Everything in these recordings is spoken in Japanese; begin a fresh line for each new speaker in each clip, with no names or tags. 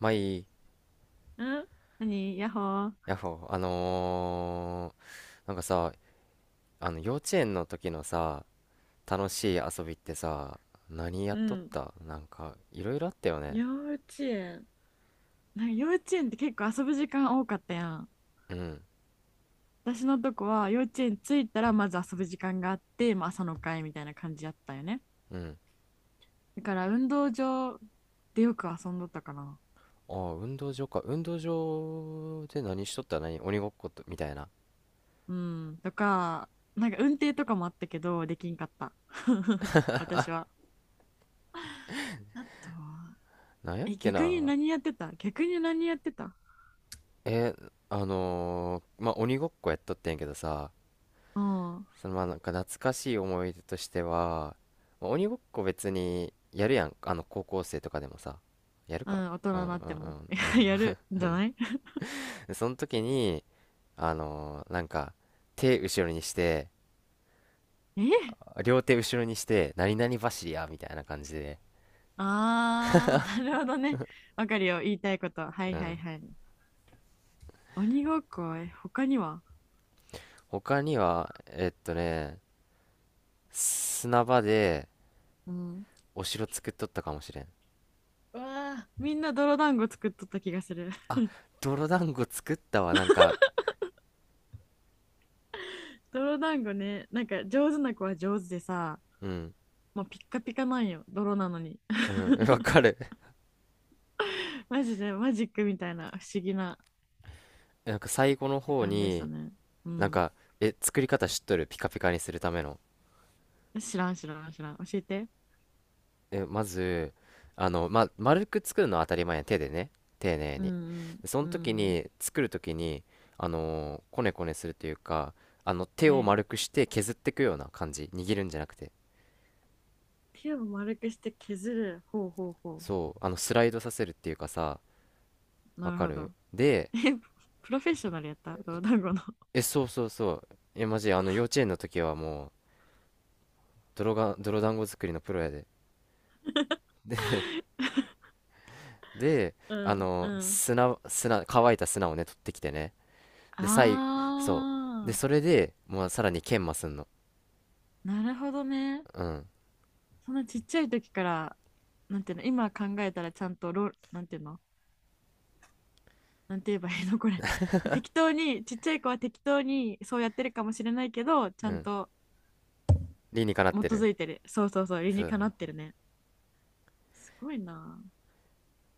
まあいい、
ん？何？ヤッホー。
ヤッホー、なんかさ、あの幼稚園の時のさ、楽しい遊びってさ、何や
う
っとっ
ん。
たいろいろあったよね。
幼稚園。なんか幼稚園って結構遊ぶ時間多かったやん。
うん、
私のとこは幼稚園着いたらまず遊ぶ時間があって、まあ、朝の会みたいな感じやったよね。
うん。
だから運動場でよく遊んどったかな。
ああ、運動場か。運動場で何しとった、何、鬼ごっこと、みたいな。
うん。とか、なんか運転とかもあったけど、できんかった。私は。あとは、
なんやっ
え、
け
逆に
な。
何やってた？逆に何やってた？
まあ鬼ごっこやっとってんやけどさ、
うん。う
そのまあなんか懐かしい思い出としては、まあ鬼ごっこ別にやるやん。あの、高校生とかでもさ。やるか、
ん、大人
うんう
になっても。
んうんう ん。
やるんじゃない？
その時に、あのーなんか、手後ろにして、
え、
両手後ろにして、何々走りや、みたいな感じで。
あー、なるほどね。わかるよ、言いたいこと。はい
う
はい
ん。
はい。鬼ごっこ、え、他には？
他には、えっとね、砂場で
うん。
お城作っとったかもしれん。
うわあ、みんな泥団子作っとった気がする。
あ、泥団子作ったわ、なんか、
泥団子ね、なんか上手な子は上手でさ、
うん、
もうピッカピカなんよ、泥なのに。
うん、わかる。
マジでマジックみたいな不思議な
なんか最後の
時
方
間でした
に、
ね。う
なん
ん。
か、え、作り方知っとる、ピカピカにするための。
知らん知らん知らん。教えて。
え、まず、あの、まあ、丸く作るのは当たり前や。手でね。丁寧
う
に。
ん
でその
う
時
ん。うん。
に、作る時に、こねこねするというか、あの、手
は
を
い。
丸くして削っていくような感じ。握るんじゃなくて。
手を丸くして削る。ほうほうほ
そう。あの、スライドさせるっていうかさ、
う。
わ
なる
か
ほ
る
ど。
で、
え、プロフェッショナルやった泥団子の。
え、そうそうそう。え、マジ、あの、幼稚園の時はもう、泥団子作りのプロやで。で、
う
あ
んう
の
ん、
砂、乾いた砂をね、取ってきてね。で、そう。で、
あ
それで、もうさらに研磨すんの。
ー、なるほどね。
うん。
そんなちっちゃい時から、なんていうの、今考えたらちゃんとロ、なんていうの、なんて言えばいいの、これ。適当に、ちっちゃい子は適当にそうやってるかもしれないけど、ちゃ
う
ん
ん。
と
理にかなっ
基
てる。
づいてる。そうそうそう、理
そ
に
うそう。
かなってるね。すごいな。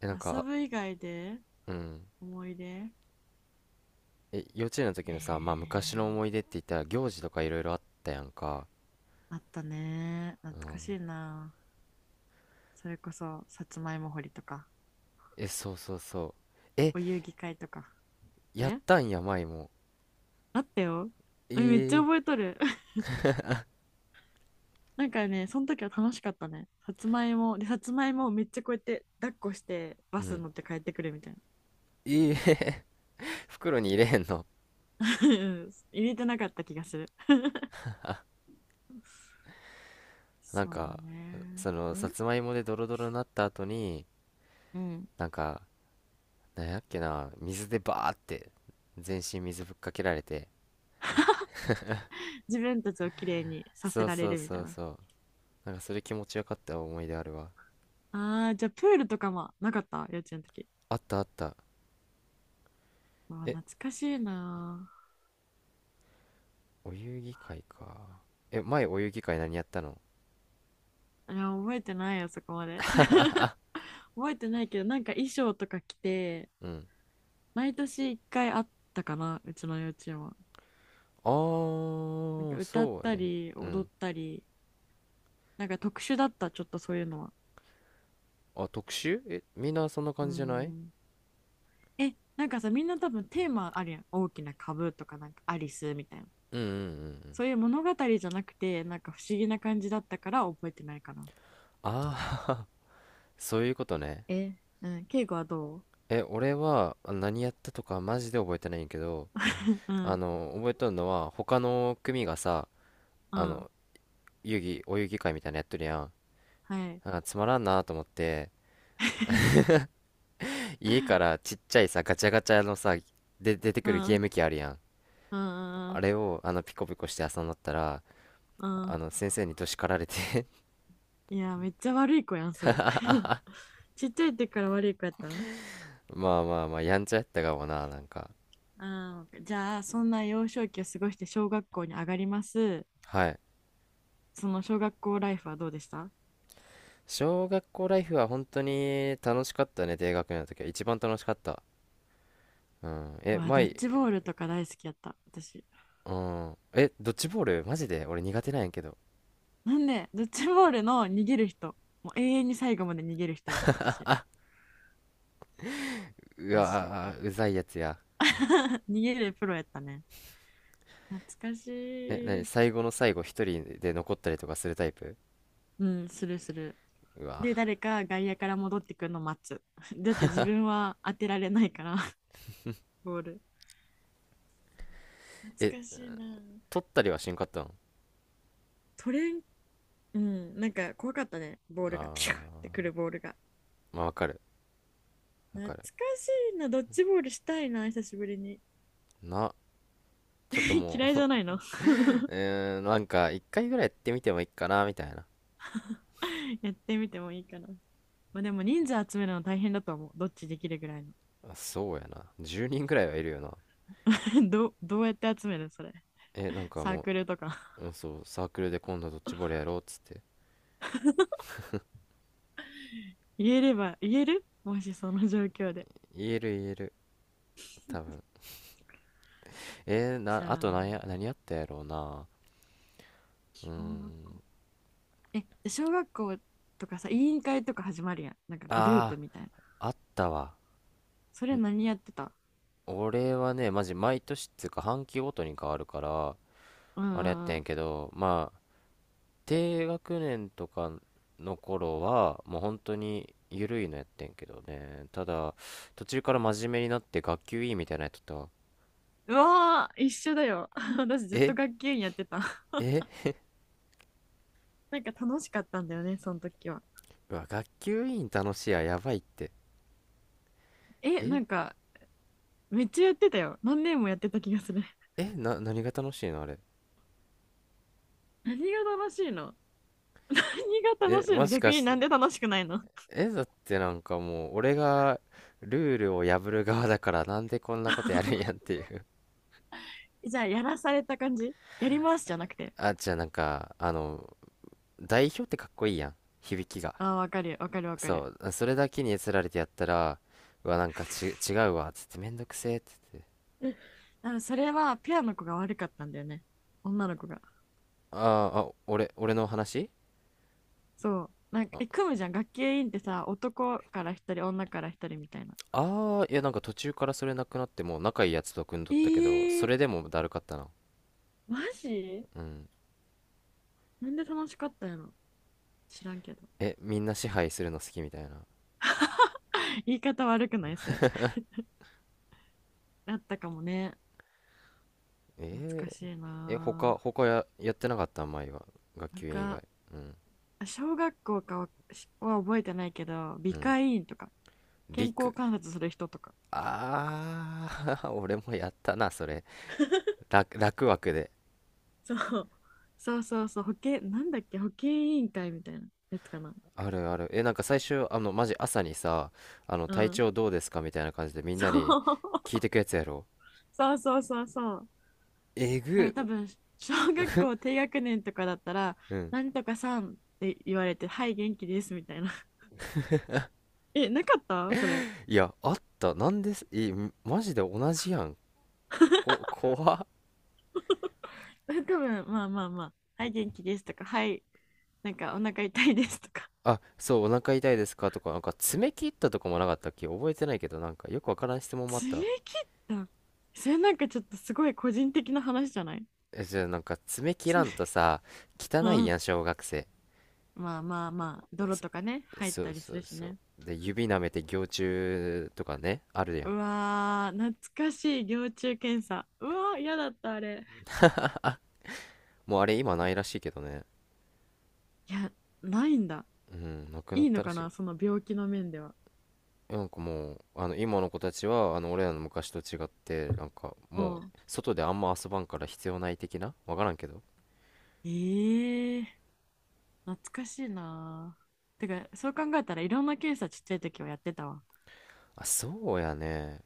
え、なん
遊
か、
ぶ以外で
うん。
思い出。
え、幼稚園の
え
時
ー、
のさ、まあ昔の思い出って言ったら行事とかいろいろあったやんか。
あったね。懐
う
か
ん。
しいな。それこそ、さつまいも掘りとか、
え、そうそうそう。え、
お遊戯会とか。
やっ
ね、
たんや、舞も。
あったよ。え、めっちゃ
ええ
覚えとる。なんかね、その時は楽しかったね。さつまいも、で、さつまいもをめっちゃこうやって抱っこして
う
バス
ん。
に乗って帰ってくるみたいな。
ええ 袋に入れへんの。
うん、入れてなかった気がする。
なん
そうだ
か、
ね。
その、
う
さ
ん
つまいもでドロドロになった後に、
うん。
なんか、なんやっけな、水でバーって、全身水ぶっかけられて。
自分たちをきれいにさせ
そう
られ
そう
るみた
そ
い
う
な。
そう。なんかそれ気持ちよかった思い出あるわ。
ああ、じゃあプールとかもなかった？幼稚園の時。
あったあった。
うわ、
え、
懐かしいな。
お遊戯会か。え、前お遊戯会何やったの。
あ、いや、覚えてないよ、そこまで。覚えてないけど、なんか衣装とか着て、
うん。
毎年一回あったかな、うちの幼稚園は。
あ
なんか
ー、
歌っ
そう
た
やね。
り
う
踊
ん。
ったり、なんか特殊だった、ちょっとそういうのは。
あ、特集、え、みんなそんな
うー
感じじゃない、
ん。え、なんかさ、みんな多分テーマあるやん。大きな株とか、なんかアリスみたいな。
うんうんうんうん。
そういう物語じゃなくて、なんか不思議な感じだったから覚えてないかな。
あー、そういうことね。
え、うん、敬語はどう？
え、俺はあ何やったとかマジで覚えてないんやけど、
う
あ
ん、
の、覚えとるのは他の組がさ、
う
あ
ん、
の、お遊戯会みたいなのやっとるやん。
はい。
なんかつまらんなと思って、家からちっちゃいさ、ガチャガチャのさ、で、出て
う
くる
ん、
ゲー
う
ム機あるやん。
ん、うん、
あ
う
れをあのピコピコして遊んだったら、
ん。うん、
あの先生にど叱られて
いや、めっちゃ悪い子やん、それ。ちっちゃい時から悪い子やったん？
まあまあまあやんちゃやったかもな、なんか。
あー、じゃあ、そんな幼少期を過ごして小学校に上がります。
はい。
その小学校ライフはどうでした？
小学校ライフは本当に楽しかったね、低学年の時は一番楽しかった。うん
う
え
わ、ドッ
前。
ジボールとか大好きやった、私。
うんえ、ドッジボールマジで俺苦手なんやけど、
なんで、ドッジボールの逃げる人、もう永遠に最後まで逃げる人やった、私。
う
マジで。
わーうざいやつや。
逃げるプロやったね。懐かし
えなに、
い。
最後の最後一人で残ったりとかするタイプ。
うん、するする。
うわ
で、
ー。
誰か外野から戻ってくるの待つ。だって自分は当てられないから、ボール。
え、
懐かしいな。
取ったりはしんかったん。
取れん、うん、なんか怖かったね、ボー
あ
ルが。ピューって
ー、
くるボールが。
まあわかるわ
懐
か
か
る。
しいな、ドッジボールしたいな、久しぶりに。
な、ちょっと
嫌
も
いじ
う。
ゃないの？
うーん、なんか、一回ぐらいやってみてもいいかな、みたいな。
やってみてもいいかな。まあ、でも人数集めるの大変だと思う。どっちできるぐらいの？
あそうやな。10人ぐらいはいるよな。
ど、どうやって集めるそれ？
え、なんか
サー
も
クルとか？
う、うん、そう、サークルで今度ドッジボール やろうっつって。
言えれば、言える？もしその状況で。
言える言える、多分。えー
じゃ
な、あと何
あ、
や、何やったやろうな。うー
小学校。
ん。
え、小学校とかさ、委員会とか始まるやん。なんかグループ
あ
みたいな。
あ、あったわ。
それ何やってた？
俺はね、マジ毎年っつうか、半期ごとに変わるから、
うん
あれやっ
うんう
てん
ん。
けど、低学年とかの頃はもう本当に緩いのやってんけどね、ただ途中から真面目になって学級委員みたいなのやっとったわ。
うわー、一緒だよ。 私ずっと
え
学級委員やってた。
え。
なんか楽しかったんだよね、その時は。
うわ学級委員楽しいや、やばいって。
え、な
え
んかめっちゃやってたよ。何年もやってた気がする。
えな、何が楽しいのあれ。
何が楽しいの？何が楽
え
しい
も
の？
し
逆
か
に
し
な
て、
んで楽しくないの？
えだってなんかもう俺がルールを破る側だから、なんでこんなことやるんやっ ていう。
じゃあ、やらされた感じ？やりますじゃなくて。
あじゃあなんかあの、代表ってかっこいいやん、響きが。
ああ、わかるわかるわかる。
そう、それだけにつられてやったら、うわ、なんか違うわ、つって、めんどくせえ、つって。
多分それはペアの子が悪かったんだよね。女の子が。
あーあ、俺の話、
そう。なんか、え、
あ、
組むじゃん。学級委員ってさ、男から一人、女から一人みたいな。
あー、いや、なんか途中からそれなくなってもう仲いいやつと組んどったけど、そ
え
れで
え、
もだるかったな。
マジ？
うん。
なんで楽しかったやろ？知らんけど。
え、みんな支配するの好きみたいな。
言い方悪くないそれ？あったかもね。懐か
え
しい
ー、え、
なぁ。
やってなかった前は。学
なん
級委員以
か、
外。うん、
小学校かはは覚えてないけど、
う
美
ん。
会委員とか、健
陸。
康観察する人とか、
ああ、俺もやったな、それ。楽枠で。
そう。そうそうそう、保健、なんだっけ、保健委員会みたいなやつかな。
あるある。え、なんか最初、あの、マジ朝にさ、あの、
う
体
ん。
調どうですかみたいな感じでみん
そ
なに聞い
う、
てくやつやろ。
そうそうそうそう。
え
なん
ぐ。
か多分、小学校低学年とかだったら、
うん。
なんとかさんって言われて、はい、元気ですみたいな。 え、なかったそれ？
いや、あった。なんです、え、マジで同じやん。怖っ。
多分、まあまあまあ、はい、元気ですとか、はい、なんかお腹痛いですとか、
あ、そう、お腹痛いですかとか、なんか爪切ったとかもなかったっけ、覚えてないけど、なんかよくわからん質問もあっ
爪
た。
切った？それなんかちょっとすごい個人的な話じゃない？
え、じゃあなんか爪切
爪、
らんとさ、汚い
う
や
ん、
ん、小学生。
まあまあまあ泥
そ、
とかね入っ
そ
た
う
り
そ
す
う
るし
そう。
ね。
で、指舐めて蟯虫とかね、あるや
う
ん。
わー、懐かしい、蟯虫検査。うわー、嫌だったあれ。
もうあれ今ないらしいけどね。
いや、ないんだ？
うん、なくなっ
いいの
たら
か
しい。
な、その病気の面では。
なんかもうあの今の子たちはあの俺らの昔と違ってなんか
う
も
ん、
う外であんま遊ばんから必要ない的な、わからんけど。
えー、懐かしいな。てかそう考えたらいろんな検査ちっちゃい時はやってたわ。
あそうやね。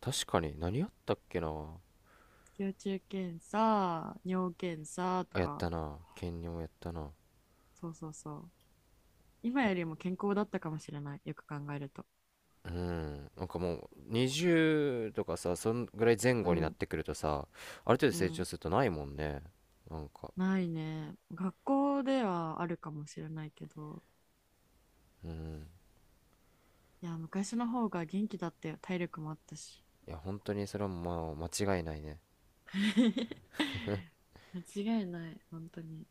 確かに何やったっけな。
蟯虫検査、尿検査と
あやった
か。
な、兼任をやったな。
そうそうそう、今
あ、
よりも健康だったかもしれない。よく考えると。
うん、なんかもう20とかさ、そんぐらい前
う
後になっ
ん、
てくるとさ、ある程度
う
成長
ん。
するとないもんね。なんか、
ないね。学校ではあるかもしれないけど、
うん、
いや、昔の方が元気だったよ。体力もあったし。
いや本当にそれはまあ間違いないね
間違いない、本当に。